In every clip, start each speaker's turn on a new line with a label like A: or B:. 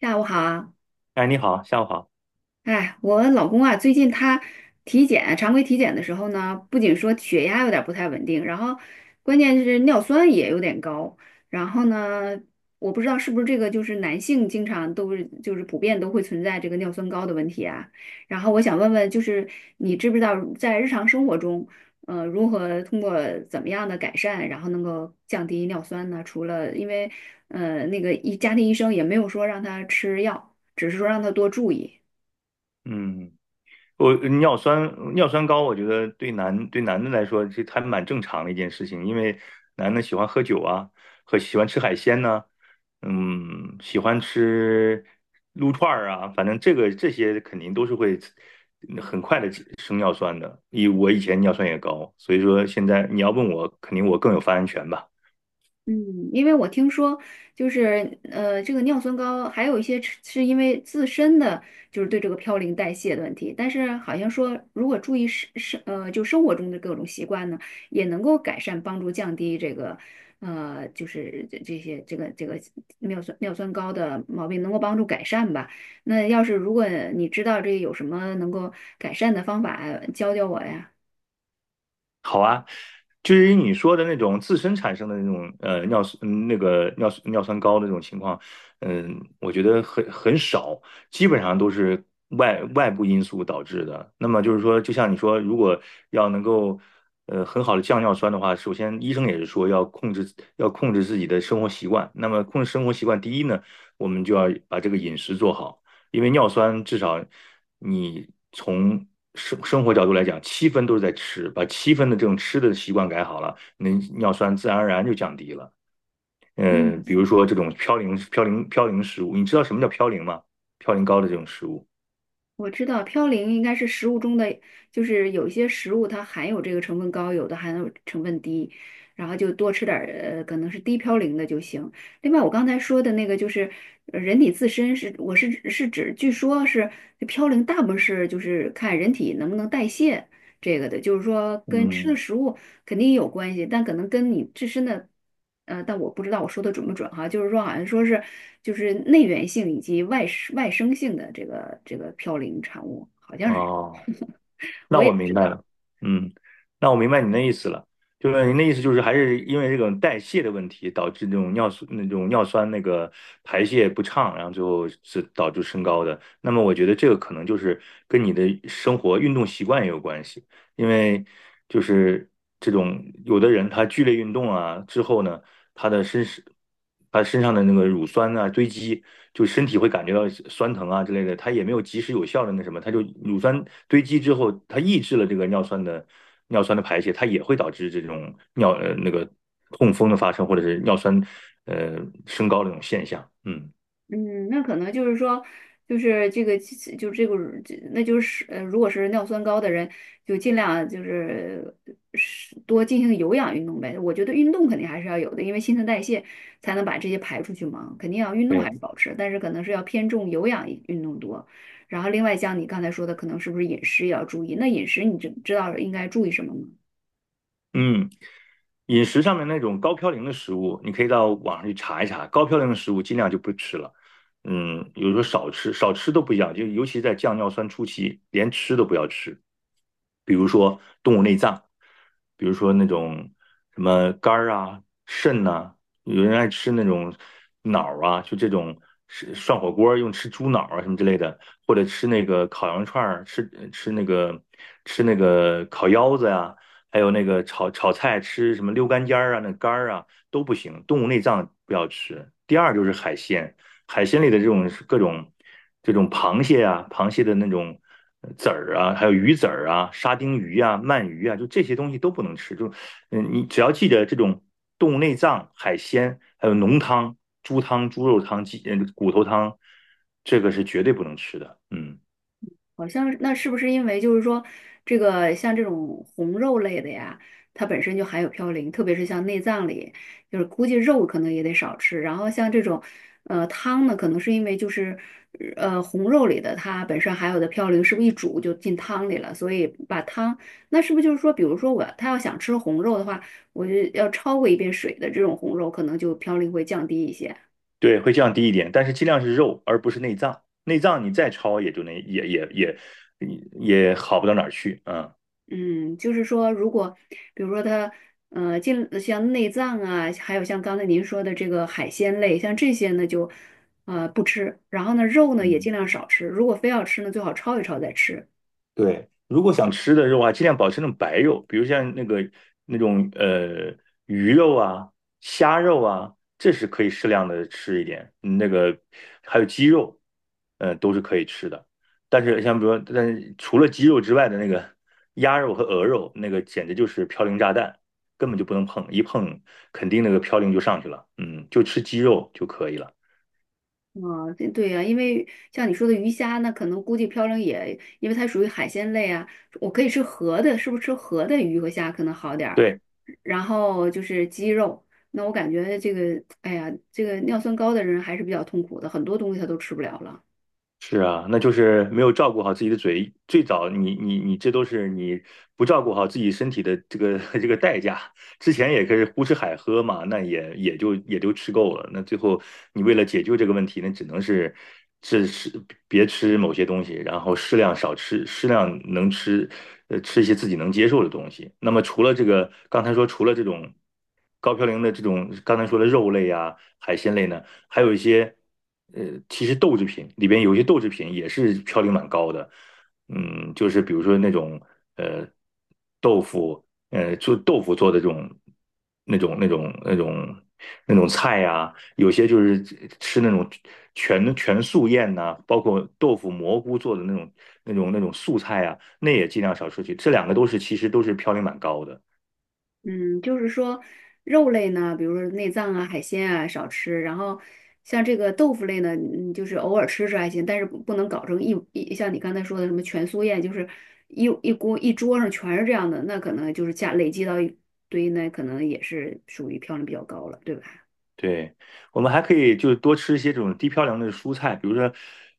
A: 下午好啊，
B: 哎，你好，下午好。
A: 哎，我老公啊，最近他体检，常规体检的时候呢，不仅说血压有点不太稳定，然后关键是尿酸也有点高。然后呢，我不知道是不是这个就是男性经常都是就是普遍都会存在这个尿酸高的问题啊。然后我想问问，就是你知不知道在日常生活中，如何通过怎么样的改善，然后能够降低尿酸呢？除了因为那个家庭医生也没有说让他吃药，只是说让他多注意。
B: 嗯，我尿酸高，我觉得对男的来说，这还蛮正常的一件事情，因为男的喜欢喝酒啊，和喜欢吃海鲜呢、喜欢吃撸串儿啊，反正这些肯定都是会很快的升尿酸的。以我以前尿酸也高，所以说现在你要问我，肯定我更有发言权吧。
A: 嗯，因为我听说，就是这个尿酸高还有一些是因为自身的就是对这个嘌呤代谢的问题，但是好像说如果注意生活中的各种习惯呢，也能够改善帮助降低这个呃就是这这些这个这个尿酸高的毛病能够帮助改善吧。那要是如果你知道这有什么能够改善的方法，教教我呀。
B: 好啊，至于你说的那种自身产生的那种尿酸那个尿酸高的这种情况，我觉得很少，基本上都是外部因素导致的。那么就是说，就像你说，如果要能够很好的降尿酸的话，首先医生也是说要控制自己的生活习惯。那么控制生活习惯，第一呢，我们就要把这个饮食做好。因为尿酸至少你从生活角度来讲，七分都是在吃，把七分的这种吃的习惯改好了，那尿酸自然而然就降低了。
A: 嗯。
B: 比如说这种嘌呤食物，你知道什么叫嘌呤吗？嘌呤高的这种食物。
A: 我知道嘌呤应该是食物中的，就是有一些食物它含有这个成分高，有的含有成分低，然后就多吃点儿，可能是低嘌呤的就行。另外，我刚才说的那个就是人体自身是，我是指，据说是嘌呤大部分是就是看人体能不能代谢这个的，就是说跟吃的
B: 嗯，
A: 食物。肯定有关系，但可能跟你自身的，但我不知道我说的准不准哈，就是说好像说是就是内源性以及外生性的这个嘌呤产物，好像是，
B: 哦，那
A: 我也
B: 我
A: 不
B: 明
A: 知
B: 白
A: 道。
B: 了，嗯，那我明白您的意思了，就是您的意思就是还是因为这种代谢的问题，导致这种尿素那种尿酸那个排泄不畅，然后最后是导致升高的。那么我觉得这个可能就是跟你的生活运动习惯也有关系。因为就是这种有的人他剧烈运动啊之后呢，他的身是他身上的那个乳酸啊堆积，就身体会感觉到酸疼啊之类的，他也没有及时有效的那什么，他就乳酸堆积之后，它抑制了这个尿酸的排泄，它也会导致这种那个痛风的发生或者是尿酸呃升高的这种现象，嗯
A: 嗯，那可能就是说，就是这个，就这个，这那就是如果是尿酸高的人，就尽量就是是多进行有氧运动呗。我觉得运动肯定还是要有的，因为新陈代谢才能把这些排出去嘛，肯定要运动
B: 对，
A: 还是保持，但是可能是要偏重有氧运动多。然后另外像你刚才说的，可能是不是饮食也要注意？那饮食你知道应该注意什么吗？
B: 嗯。饮食上面那种高嘌呤的食物，你可以到网上去查一查，高嘌呤的食物尽量就不吃了。有时候少吃，少吃都不一样，就尤其在降尿酸初期，连吃都不要吃。比如说动物内脏，比如说那种什么肝儿啊、肾呐、有人爱吃那种脑儿啊，就这种是涮火锅儿用吃猪脑儿啊什么之类的，或者吃那个烤羊串儿，吃那个烤腰子呀、还有那个炒菜吃什么溜肝尖儿啊、那肝儿啊都不行，动物内脏不要吃。第二就是海鲜，海鲜里的这种各种这种螃蟹啊、螃蟹的那种籽儿啊，还有鱼籽儿啊、沙丁鱼啊、鳗鱼啊，就这些东西都不能吃。你只要记得这种动物内脏、海鲜，还有浓汤、猪汤、猪肉汤、鸡骨头汤，这个是绝对不能吃的。嗯。
A: 好像是那是不是因为就是说，这个像这种红肉类的呀，它本身就含有嘌呤，特别是像内脏里，就是估计肉可能也得少吃。然后像这种，汤呢，可能是因为就是，红肉里的它本身含有的嘌呤，是不是一煮就进汤里了？所以把汤，那是不是就是说，比如说我他要想吃红肉的话，我就要焯过一遍水的这种红肉，可能就嘌呤会降低一些。
B: 对，会降低一点，但是尽量是肉，而不是内脏。内脏你再焯也就那也好不到哪儿去，嗯。
A: 嗯，就是说，如果比如说它，进像内脏啊，还有像刚才您说的这个海鲜类，像这些呢就，不吃。然后呢，肉呢也尽
B: 嗯，
A: 量少吃。如果非要吃呢，最好焯一焯再吃。
B: 对，如果想吃的肉啊，尽量保持那种白肉，比如像那种鱼肉啊、虾肉啊，这是可以适量的吃一点。还有鸡肉，都是可以吃的。但是像比如说但是除了鸡肉之外的那个鸭肉和鹅肉，那个简直就是嘌呤炸弹，根本就不能碰，一碰肯定那个嘌呤就上去了。嗯，就吃鸡肉就可以了。
A: 啊、对对呀、因为像你说的鱼虾呢，可能估计嘌呤也，因为它属于海鲜类啊，我可以吃河的，是不是吃河的鱼和虾可能好点儿？
B: 对，
A: 然后就是鸡肉，那我感觉这个，哎呀，这个尿酸高的人还是比较痛苦的，很多东西他都吃不了了。
B: 是啊，那就是没有照顾好自己的嘴。最早你这都是你不照顾好自己身体的这个 这个代价。之前也可以胡吃海喝嘛，那也就吃够了。那最后你为了解救这个问题，那只能是别吃某些东西，然后适量少吃，适量能吃，吃一些自己能接受的东西。那么除了这个，刚才说除了这种高嘌呤的这种刚才说的肉类啊、海鲜类呢？还有一些呃，其实豆制品里边有一些豆制品也是嘌呤蛮高的，就是比如说那种呃豆腐，做豆腐做的这种那种那种那种那种菜呀、有些就是吃那种全素宴呐、包括豆腐蘑菇做的那种素菜啊，那也尽量少摄去。这两个都是其实都是嘌呤蛮高的。
A: 嗯，就是说肉类呢，比如说内脏啊、海鲜啊少吃，然后像这个豆腐类呢，嗯，就是偶尔吃吃还行，但是不能搞成一像你刚才说的什么全素宴，就是一锅一桌上全是这样的，那可能就是加累积到一堆，那可能也是属于嘌呤比较高了，对吧？
B: 对，我们还可以就是多吃一些这种低嘌呤的蔬菜，比如说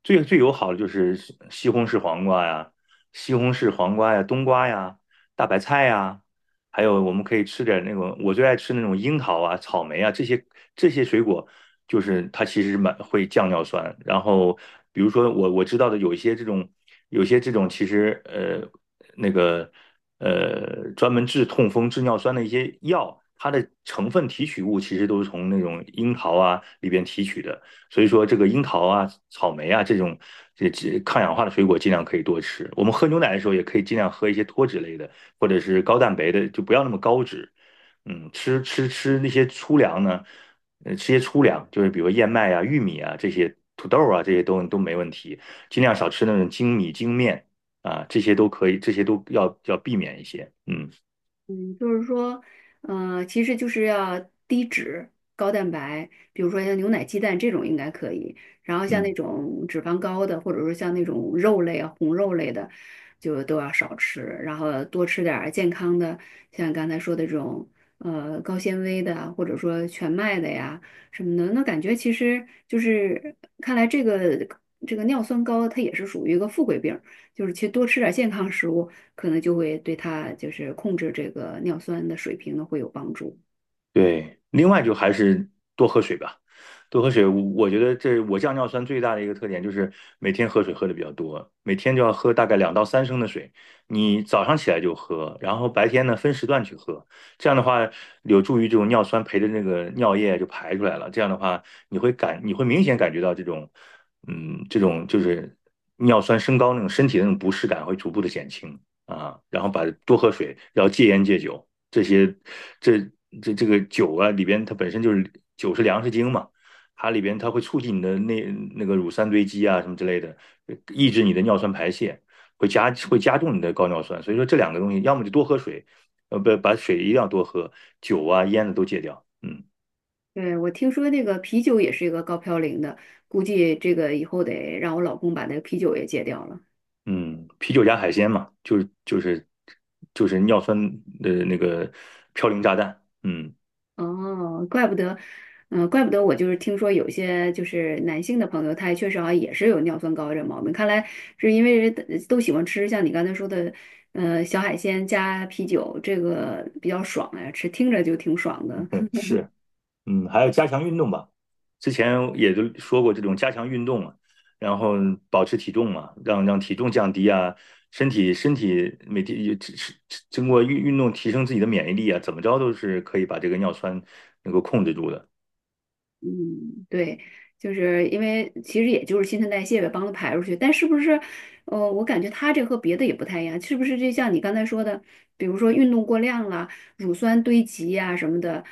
B: 最友好的就是西红柿黄瓜呀、冬瓜呀、大白菜呀，还有我们可以吃点那种我最爱吃那种樱桃啊、草莓啊这些水果，就是它其实蛮会降尿酸。然后比如说我知道的有一些这种有些这种其实那个。专门治痛风、治尿酸的一些药，它的成分提取物其实都是从那种樱桃啊里边提取的。所以说，这个樱桃啊、草莓啊这种抗氧化的水果，尽量可以多吃。我们喝牛奶的时候，也可以尽量喝一些脱脂类的，或者是高蛋白的，就不要那么高脂。吃那些粗粮呢，吃些粗粮，就是比如燕麦啊、玉米啊这些，土豆啊这些都没问题。尽量少吃那种精米精面，啊，这些都可以，这些都要避免一些。嗯
A: 嗯，就是说，其实就是要低脂、高蛋白，比如说像牛奶、鸡蛋这种应该可以。然后像那
B: 嗯。
A: 种脂肪高的，或者说像那种肉类啊、红肉类的，就都要少吃。然后多吃点儿健康的，像刚才说的这种，高纤维的啊或者说全麦的呀什么的。那感觉其实就是，看来这个尿酸高，它也是属于一个富贵病。就是其实多吃点健康食物，可能就会对他就是控制这个尿酸的水平呢会有帮助。
B: 对，另外就还是多喝水吧，多喝水。我觉得这我降尿酸最大的一个特点就是每天喝水喝的比较多，每天就要喝大概2到3升的水。你早上起来就喝，然后白天呢分时段去喝，这样的话有助于这种尿酸陪着那个尿液就排出来了。这样的话，你会明显感觉到这种，这种就是尿酸升高那种身体的那种不适感会逐步的减轻啊。然后把多喝水，然后戒烟戒酒。这些这这个酒啊里边它本身就是酒是粮食精嘛，它里边它会促进你的个乳酸堆积啊什么之类的，抑制你的尿酸排泄，会加重你的高尿酸。所以说这两个东西，要么就多喝水，不把水一定要多喝，酒啊烟的都戒掉。嗯
A: 对，我听说那个啤酒也是一个高嘌呤的，估计这个以后得让我老公把那个啤酒也戒掉了。
B: 嗯，啤酒加海鲜嘛，就是尿酸的那个嘌呤炸弹。嗯
A: 哦，怪不得，嗯、怪不得我就是听说有些就是男性的朋友，他也确实好像也是有尿酸高这毛病，看来是因为人都喜欢吃像你刚才说的，小海鲜加啤酒，这个比较爽呀，吃听着就挺爽的。
B: 嗯是。还要加强运动吧。之前也都说过这种加强运动嘛，然后保持体重嘛，让体重降低啊，身体每天也只是经过运动提升自己的免疫力啊，怎么着都是可以把这个尿酸能够控制住的。
A: 嗯，对，就是因为其实也就是新陈代谢呗，帮它排出去。但是不是，我感觉它这和别的也不太一样，是不是？就像你刚才说的，比如说运动过量了，乳酸堆积呀、什么的，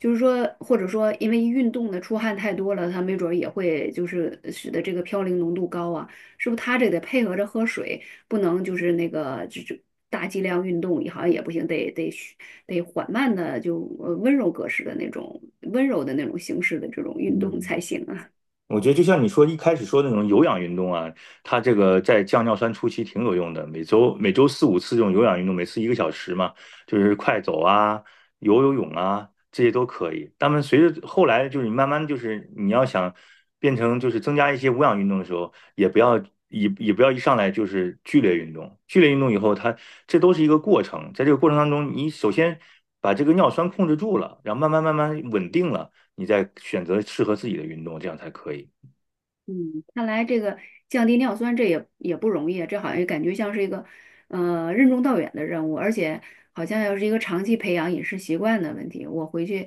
A: 就是说，或者说因为运动的出汗太多了，它没准儿也会就是使得这个嘌呤浓度高啊。是不是他这得配合着喝水，不能就是那个就大剂量运动也好像也不行，得缓慢的就温柔格式的那种温柔的那种形式的这种运动
B: 嗯。
A: 才行啊。
B: 我觉得就像你说一开始说的那种有氧运动啊，它这个在降尿酸初期挺有用的。每周四五次这种有氧运动，每次一个小时嘛，就是快走啊、游泳啊，这些都可以。但们随着后来就是你慢慢就是你要想变成就是增加一些无氧运动的时候，也不要也也不要一上来就是剧烈运动。剧烈运动以后它，这都是一个过程，在这个过程当中，你首先把这个尿酸控制住了，然后慢慢慢慢稳定了。你再选择适合自己的运动，这样才可以。
A: 嗯，看来这个降低尿酸这也不容易啊，这好像感觉像是一个任重道远的任务，而且好像要是一个长期培养饮食习惯的问题。我回去，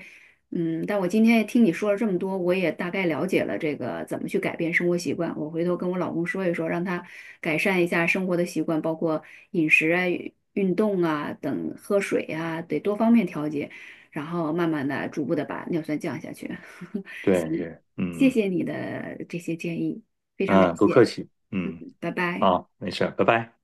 A: 嗯，但我今天也听你说了这么多，我也大概了解了这个怎么去改变生活习惯。我回头跟我老公说一说，让他改善一下生活的习惯，包括饮食啊、运动啊等、喝水啊，得多方面调节，然后慢慢的、逐步的把尿酸降下去。
B: 对，
A: 行。
B: 是，
A: 谢
B: 嗯
A: 谢你的这些建议，非常感
B: 嗯，不客
A: 谢，
B: 气，嗯，
A: 拜拜。
B: 好，没事拜拜。